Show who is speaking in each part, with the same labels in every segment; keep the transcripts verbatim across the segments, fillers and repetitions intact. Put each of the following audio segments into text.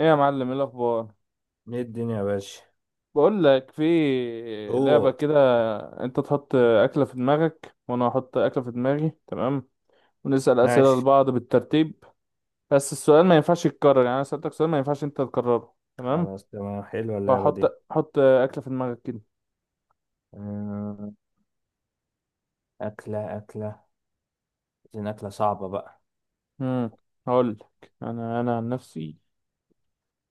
Speaker 1: ايه يا معلم، ايه الاخبار؟
Speaker 2: ايه الدنيا يا باشا؟
Speaker 1: بقول لك، في لعبه
Speaker 2: هو
Speaker 1: كده. انت تحط اكله في دماغك وانا احط اكله في دماغي، تمام؟ ونسال اسئله
Speaker 2: ماشي.
Speaker 1: لبعض بالترتيب. بس السؤال ما ينفعش يتكرر، يعني انا سالتك سؤال ما ينفعش انت تكرره، تمام؟
Speaker 2: خلاص، تمام، حلوة اللعبة دي.
Speaker 1: وهحط حط اكله في دماغك كده.
Speaker 2: آه، أكلة أكلة، عايزين أكلة صعبة بقى.
Speaker 1: امم هقول لك، انا انا عن نفسي.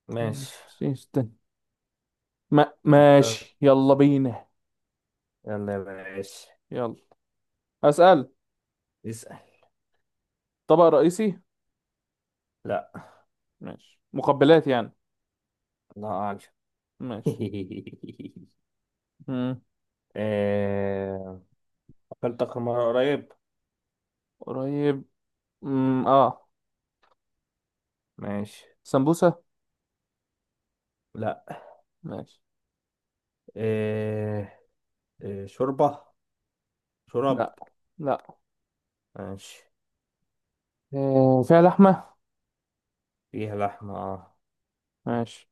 Speaker 2: ماشي،
Speaker 1: نفسي- استنى. ما
Speaker 2: طب
Speaker 1: ماشي يلا بينا.
Speaker 2: يلا يا باشا،
Speaker 1: يلا اسال.
Speaker 2: اسأل.
Speaker 1: طبق رئيسي؟
Speaker 2: لا،
Speaker 1: ماشي، مقبلات يعني.
Speaker 2: الله أعلم.
Speaker 1: ماشي. امم
Speaker 2: آه، أكلت آخر مرة قريب.
Speaker 1: قريب. امم اه
Speaker 2: ماشي.
Speaker 1: سمبوسة.
Speaker 2: لا.
Speaker 1: ماشي.
Speaker 2: آه، آه، شوربة شرب؟
Speaker 1: لا، لا.
Speaker 2: ماشي.
Speaker 1: آه، فيها لحمة.
Speaker 2: فيها لحمة، اه.
Speaker 1: ماشي.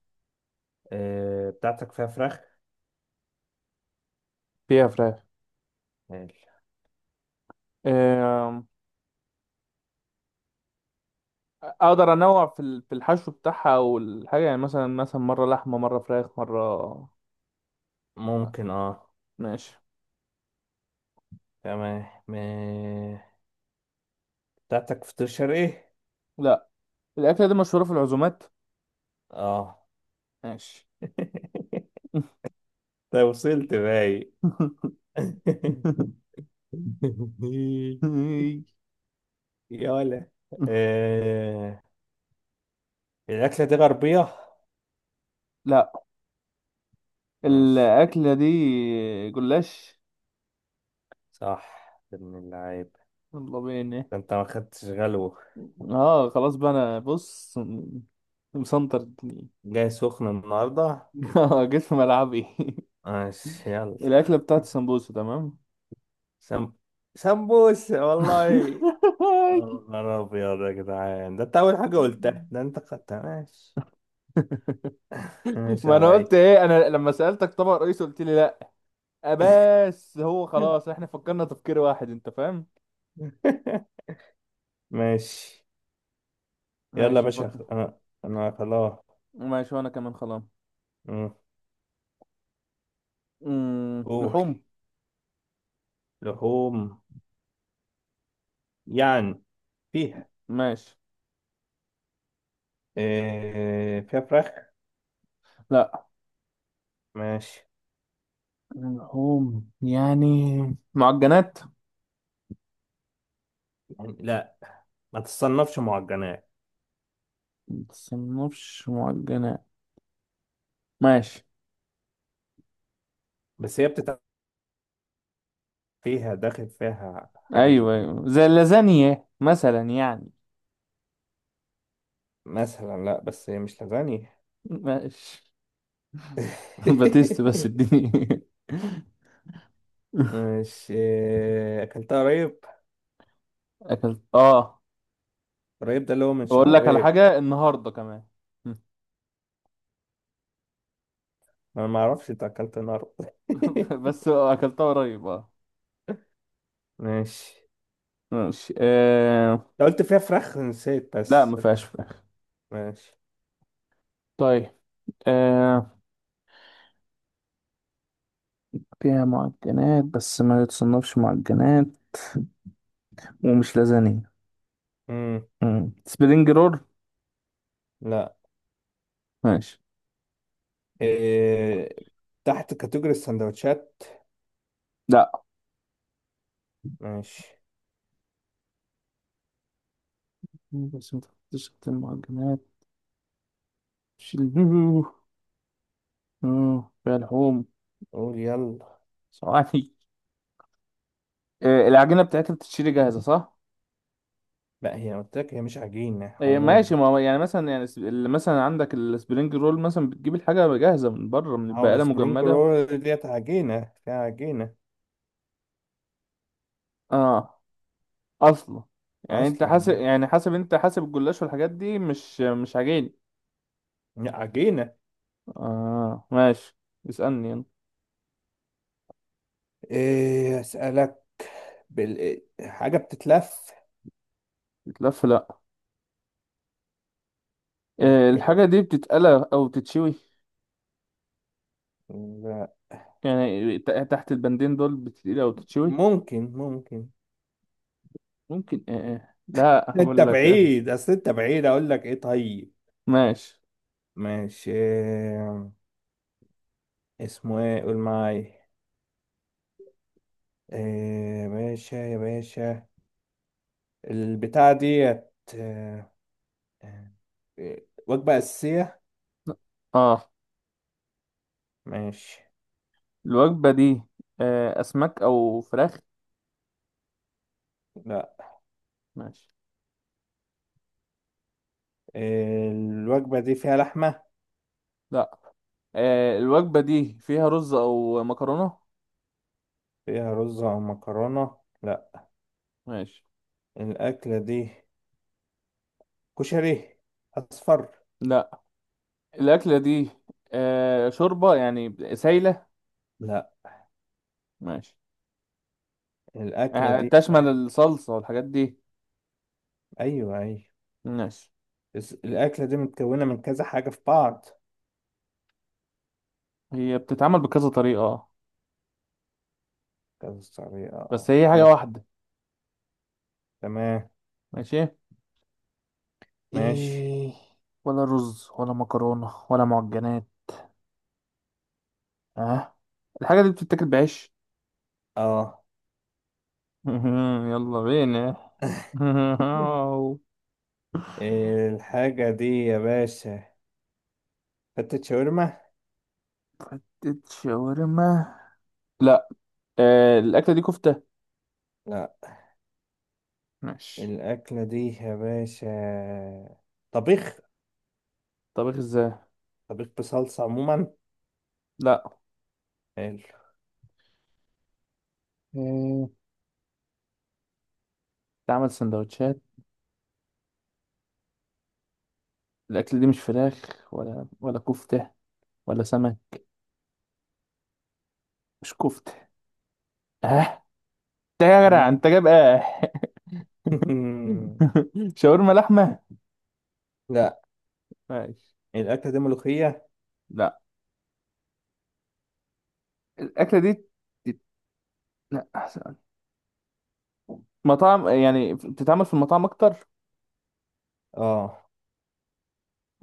Speaker 2: آه، بتاعتك فيها فراخ؟
Speaker 1: فيها فراخ.
Speaker 2: حلو.
Speaker 1: آه، اقدر انوع في ال- في الحشو بتاعها او الحاجة، يعني مثلا مثلا مرة لحمة مرة فراخ مرة. لا.
Speaker 2: ممكن، اه.
Speaker 1: ماشي.
Speaker 2: تمام. بتاعتك فطير ايه؟
Speaker 1: لا، الأكلة دي مشهورة في العزومات.
Speaker 2: اه.
Speaker 1: ماشي.
Speaker 2: ده وصلت باي؟ يا ولا، آه... الأكلة دي غربية؟
Speaker 1: لا،
Speaker 2: ماشي.
Speaker 1: الأكلة دي جلاش.
Speaker 2: صح ابن اللعيب.
Speaker 1: الله بينا.
Speaker 2: ده انت ما خدتش غلوة؟
Speaker 1: اه خلاص بقى، انا بص مسنطر الدنيا.
Speaker 2: جاي سخن النهاردة.
Speaker 1: اه، جيت في ملعبي.
Speaker 2: ماشي، يلا.
Speaker 1: الأكلة بتاعت السمبوسة، تمام.
Speaker 2: سم... سمبوس والله يا نهار أبيض يا جدعان. ده انت أول حاجة قلتها، ده انت خدتها. ماشي. ماشي
Speaker 1: ما
Speaker 2: يا
Speaker 1: أنا
Speaker 2: ريس.
Speaker 1: قلت إيه، أنا لما سألتك طبق رئيسي قلت لي لأ. آه، بس هو خلاص، إحنا فكرنا تفكير واحد، أنت فاهم.
Speaker 2: ماشي. يلا يا
Speaker 1: ماشي،
Speaker 2: باشا،
Speaker 1: نفكر.
Speaker 2: خ- انا انا خلاص.
Speaker 1: ماشي، وأنا كمان خلاص.
Speaker 2: مم.
Speaker 1: أمم،
Speaker 2: قول.
Speaker 1: لحوم.
Speaker 2: لحوم، يعني فيها
Speaker 1: ماشي.
Speaker 2: إيه؟ فيها فراخ؟
Speaker 1: لأ،
Speaker 2: ماشي.
Speaker 1: لحوم يعني. معجنات.
Speaker 2: يعني لا، ما تصنفش معجنات.
Speaker 1: متصنفش معجنات. ماشي.
Speaker 2: بس هي بتتعمل فيها، داخل فيها حاجة زي
Speaker 1: أيوه،
Speaker 2: كده.
Speaker 1: أيوه، زي اللازانيا مثلا يعني.
Speaker 2: مثلا لا، بس هي مش لازانيا.
Speaker 1: ماشي. باتيست بس اديني.
Speaker 2: مش إيه، اكلتها قريب.
Speaker 1: اكلت، اه.
Speaker 2: قريب، ده اللي هو من
Speaker 1: واقول
Speaker 2: شهر
Speaker 1: لك على
Speaker 2: ايه؟
Speaker 1: حاجه النهارده كمان.
Speaker 2: انا ما اعرفش انت اكلت النهارده.
Speaker 1: بس اكلتها قريب، اه.
Speaker 2: ماشي.
Speaker 1: ماشي. آه...
Speaker 2: أنت قلت فيها فراخ، نسيت
Speaker 1: لا، ما
Speaker 2: بس.
Speaker 1: فيهاش فراخ.
Speaker 2: ماشي.
Speaker 1: طيب. آه... فيها معجنات بس ما يتصنفش معجنات، ومش لازانية.
Speaker 2: مم.
Speaker 1: مم. سبرينج رول.
Speaker 2: لا.
Speaker 1: ماشي.
Speaker 2: إيه، تحت كاتيجوري السندوتشات؟
Speaker 1: لا،
Speaker 2: ماشي.
Speaker 1: بس ما تحطش تحت المعجنات. مش ال- آه، فيها لحوم.
Speaker 2: قول يلا.
Speaker 1: صواني. آه... العجينة بتاعتها بتتشري جاهزة، صح؟
Speaker 2: لا، هي قلت لك هي مش عجينة
Speaker 1: آه،
Speaker 2: عموما.
Speaker 1: ماشي. ما هو يعني مثلا، يعني الس- اللي مثلا عندك السبرينج رول مثلا بتجيب الحاجة جاهزة من بره، من
Speaker 2: ما هو
Speaker 1: البقالة،
Speaker 2: سبرونج
Speaker 1: مجمدة.
Speaker 2: رول ديت عجينة، فيها عجينة
Speaker 1: اه اصلا، يعني انت
Speaker 2: أصلا.
Speaker 1: حاسب، يعني حاسب، انت حاسب الجلاش والحاجات دي مش مش عجين.
Speaker 2: لا، عجينة.
Speaker 1: اه، ماشي. اسألني يلا.
Speaker 2: إيه أسألك؟ بال... حاجة بتتلف؟
Speaker 1: بتلف، لا. آه،
Speaker 2: أوكي،
Speaker 1: الحاجة دي بتتقلى او بتتشوي.
Speaker 2: لا.
Speaker 1: يعني ت- تحت البندين دول بتتقلى او بتتشوي.
Speaker 2: ممكن ممكن.
Speaker 1: ممكن. آه. آه. لا
Speaker 2: أنت
Speaker 1: اقول لك، آه.
Speaker 2: بعيد، أصل أنت بعيد أقول لك إيه. طيب
Speaker 1: ماشي.
Speaker 2: ماشي، إيه، اسمه إيه؟ قول معايا، إيه يا باشا يا باشا؟ البتاعة ديت، آه، آه، وجبة أساسية.
Speaker 1: اه،
Speaker 2: ماشي.
Speaker 1: الوجبة دي. آه، اسماك او فراخ.
Speaker 2: لا.
Speaker 1: ماشي.
Speaker 2: الوجبة دي فيها لحمة.
Speaker 1: لا. آه، الوجبة دي فيها رز او مكرونة.
Speaker 2: فيها رز أو مكرونة لا.
Speaker 1: ماشي.
Speaker 2: الأكلة دي كشري أصفر.
Speaker 1: لا، الأكلة دي. آه، شوربة يعني سايلة.
Speaker 2: لا،
Speaker 1: ماشي.
Speaker 2: الأكلة
Speaker 1: آه،
Speaker 2: دي،
Speaker 1: تشمل الصلصة والحاجات دي.
Speaker 2: أيوه أيوه.
Speaker 1: ماشي.
Speaker 2: بس الأكلة دي متكونة من كذا حاجة في بعض.
Speaker 1: هي بتتعمل بكذا طريقة، آه.
Speaker 2: كذا طريقة،
Speaker 1: بس
Speaker 2: أه،
Speaker 1: هي حاجة
Speaker 2: إيه،
Speaker 1: واحدة.
Speaker 2: تمام.
Speaker 1: ماشي.
Speaker 2: ماشي،
Speaker 1: إيه، ولا رز ولا مكرونة ولا معجنات. اه. الحاجة دي بتتاكل بعيش.
Speaker 2: أه.
Speaker 1: يلا بينا.
Speaker 2: الحاجة دي يا باشا فتة شاورما.
Speaker 1: حتة شاورما. لا. آه، الأكلة دي كفتة.
Speaker 2: لا.
Speaker 1: ماشي.
Speaker 2: الأكلة دي يا باشا طبيخ.
Speaker 1: طبخ ازاي؟
Speaker 2: طبيخ بصلصة عموما.
Speaker 1: لا.
Speaker 2: حلو.
Speaker 1: آه، تعمل سندوتشات. الأكل دي مش فراخ ولا ولا كفتة ولا سمك، مش كفتة. اه، ده يا جدع
Speaker 2: مم.
Speaker 1: أنت جايب، اه. شاورما لحمة.
Speaker 2: لا،
Speaker 1: ماشي.
Speaker 2: الأكلة دي ملوخية.
Speaker 1: لا، الأكلة دي. تت- لا أحسن، مطاعم يعني، بتتعمل في المطاعم أكتر،
Speaker 2: اه.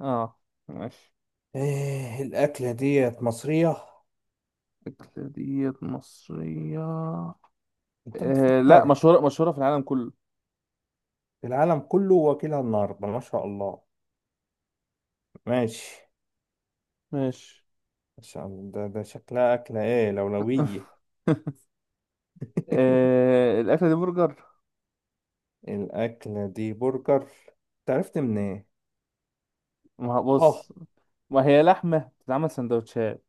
Speaker 1: اه. ماشي.
Speaker 2: إيه الأكلة ديت مصرية؟
Speaker 1: الأكلة دي مصرية.
Speaker 2: انت
Speaker 1: آه، لا،
Speaker 2: بتفكر.
Speaker 1: مشهورة مشهورة في العالم كله.
Speaker 2: في العالم كله، واكلها النهاردة، ما شاء الله. ماشي،
Speaker 1: ماشي.
Speaker 2: ما شاء الله. ده, ده شكلها أكلة ايه لولوية.
Speaker 1: آه، الأكلة دي برجر.
Speaker 2: الأكلة دي برجر؟ تعرفت من ايه؟
Speaker 1: ما هو-
Speaker 2: اه،
Speaker 1: بص، ما هي لحمة بتتعمل سندوتشات.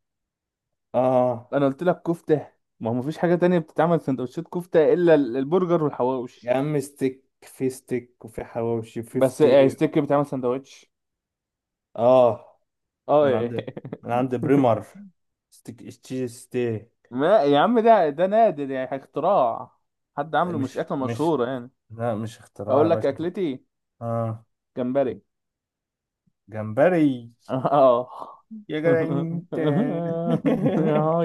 Speaker 2: اه،
Speaker 1: انا قلت لك كفته. ما هو مفيش حاجه تانية بتتعمل سندوتشات كفته الا ال- البرجر والحواوش.
Speaker 2: يا عم ستيك، في ستيك وفي حواوشي وفي
Speaker 1: بس آه،
Speaker 2: فطير.
Speaker 1: ستيك بيتعمل سندوتش.
Speaker 2: اه،
Speaker 1: اه،
Speaker 2: من
Speaker 1: إيه.
Speaker 2: عند من عند بريمر. ستيك ستي ستي.
Speaker 1: ما يا عم، ده ده نادر يعني، اختراع. حد عامله، مش
Speaker 2: مش
Speaker 1: اكله
Speaker 2: مش
Speaker 1: مشهوره يعني.
Speaker 2: لا مش اختراع يا
Speaker 1: اقول لك
Speaker 2: باشا.
Speaker 1: اكلتي.
Speaker 2: اه،
Speaker 1: جمبري.
Speaker 2: جمبري.
Speaker 1: اه.
Speaker 2: يا جدع انت.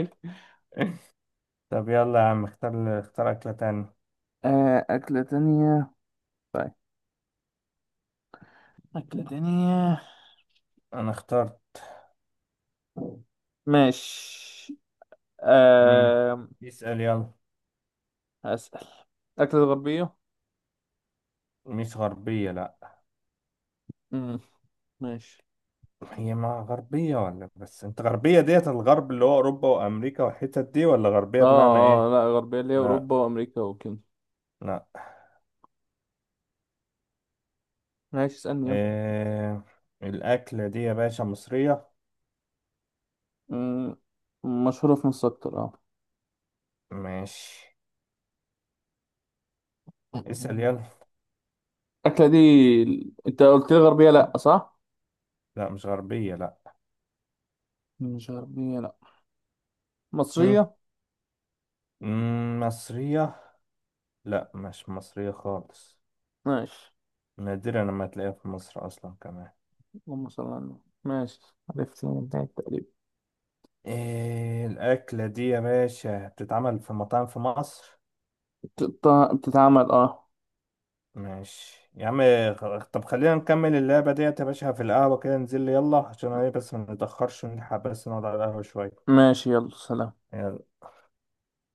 Speaker 2: طب يلا يا عم، اختار اختار أكلة تانية.
Speaker 1: آه، اكله تانية. طيب، اكله تانية.
Speaker 2: أنا اخترت.
Speaker 1: ماشي.
Speaker 2: امم
Speaker 1: أه...
Speaker 2: اسأل يلا.
Speaker 1: هسأل. أكلة غربية؟
Speaker 2: مش غربية لا.
Speaker 1: مم. ماشي.
Speaker 2: هي ما غربية ولا، بس أنت غربية ديت الغرب اللي هو أوروبا وأمريكا والحتت دي، ولا غربية بمعنى
Speaker 1: اه،
Speaker 2: إيه؟
Speaker 1: اه، لا، غربية اللي هي
Speaker 2: لا،
Speaker 1: أوروبا وأمريكا وكده.
Speaker 2: لا،
Speaker 1: ماشي، اسألني يلا.
Speaker 2: إيه... الأكلة دي يا باشا مصرية.
Speaker 1: مم، مشهورة في مصر أكتر، اه.
Speaker 2: ماشي، اسأل يلا.
Speaker 1: الأكلة دي، أنت قلت لي غربية لأ، صح؟
Speaker 2: لا مش غربية لا.
Speaker 1: مش غربية لأ.
Speaker 2: مم.
Speaker 1: مصرية.
Speaker 2: مم، مصرية. لا مش مصرية خالص.
Speaker 1: ماشي.
Speaker 2: نادرا لما تلاقيها في مصر أصلا كمان.
Speaker 1: اللهم صل على النبي. ماشي، عرفت من البداية تقريبا.
Speaker 2: إيه الأكلة دي يا باشا بتتعمل في مطاعم في مصر؟
Speaker 1: بتت- بتتعمل، اه.
Speaker 2: ماشي يا عم. خ- طب خلينا نكمل اللعبة ديت يا باشا في القهوة، كده ننزل لي يلا، عشان ايه بس ما نتأخرش ونلحق، بس نقعد على القهوة شوية.
Speaker 1: ماشي، يلا سلام.
Speaker 2: يلا.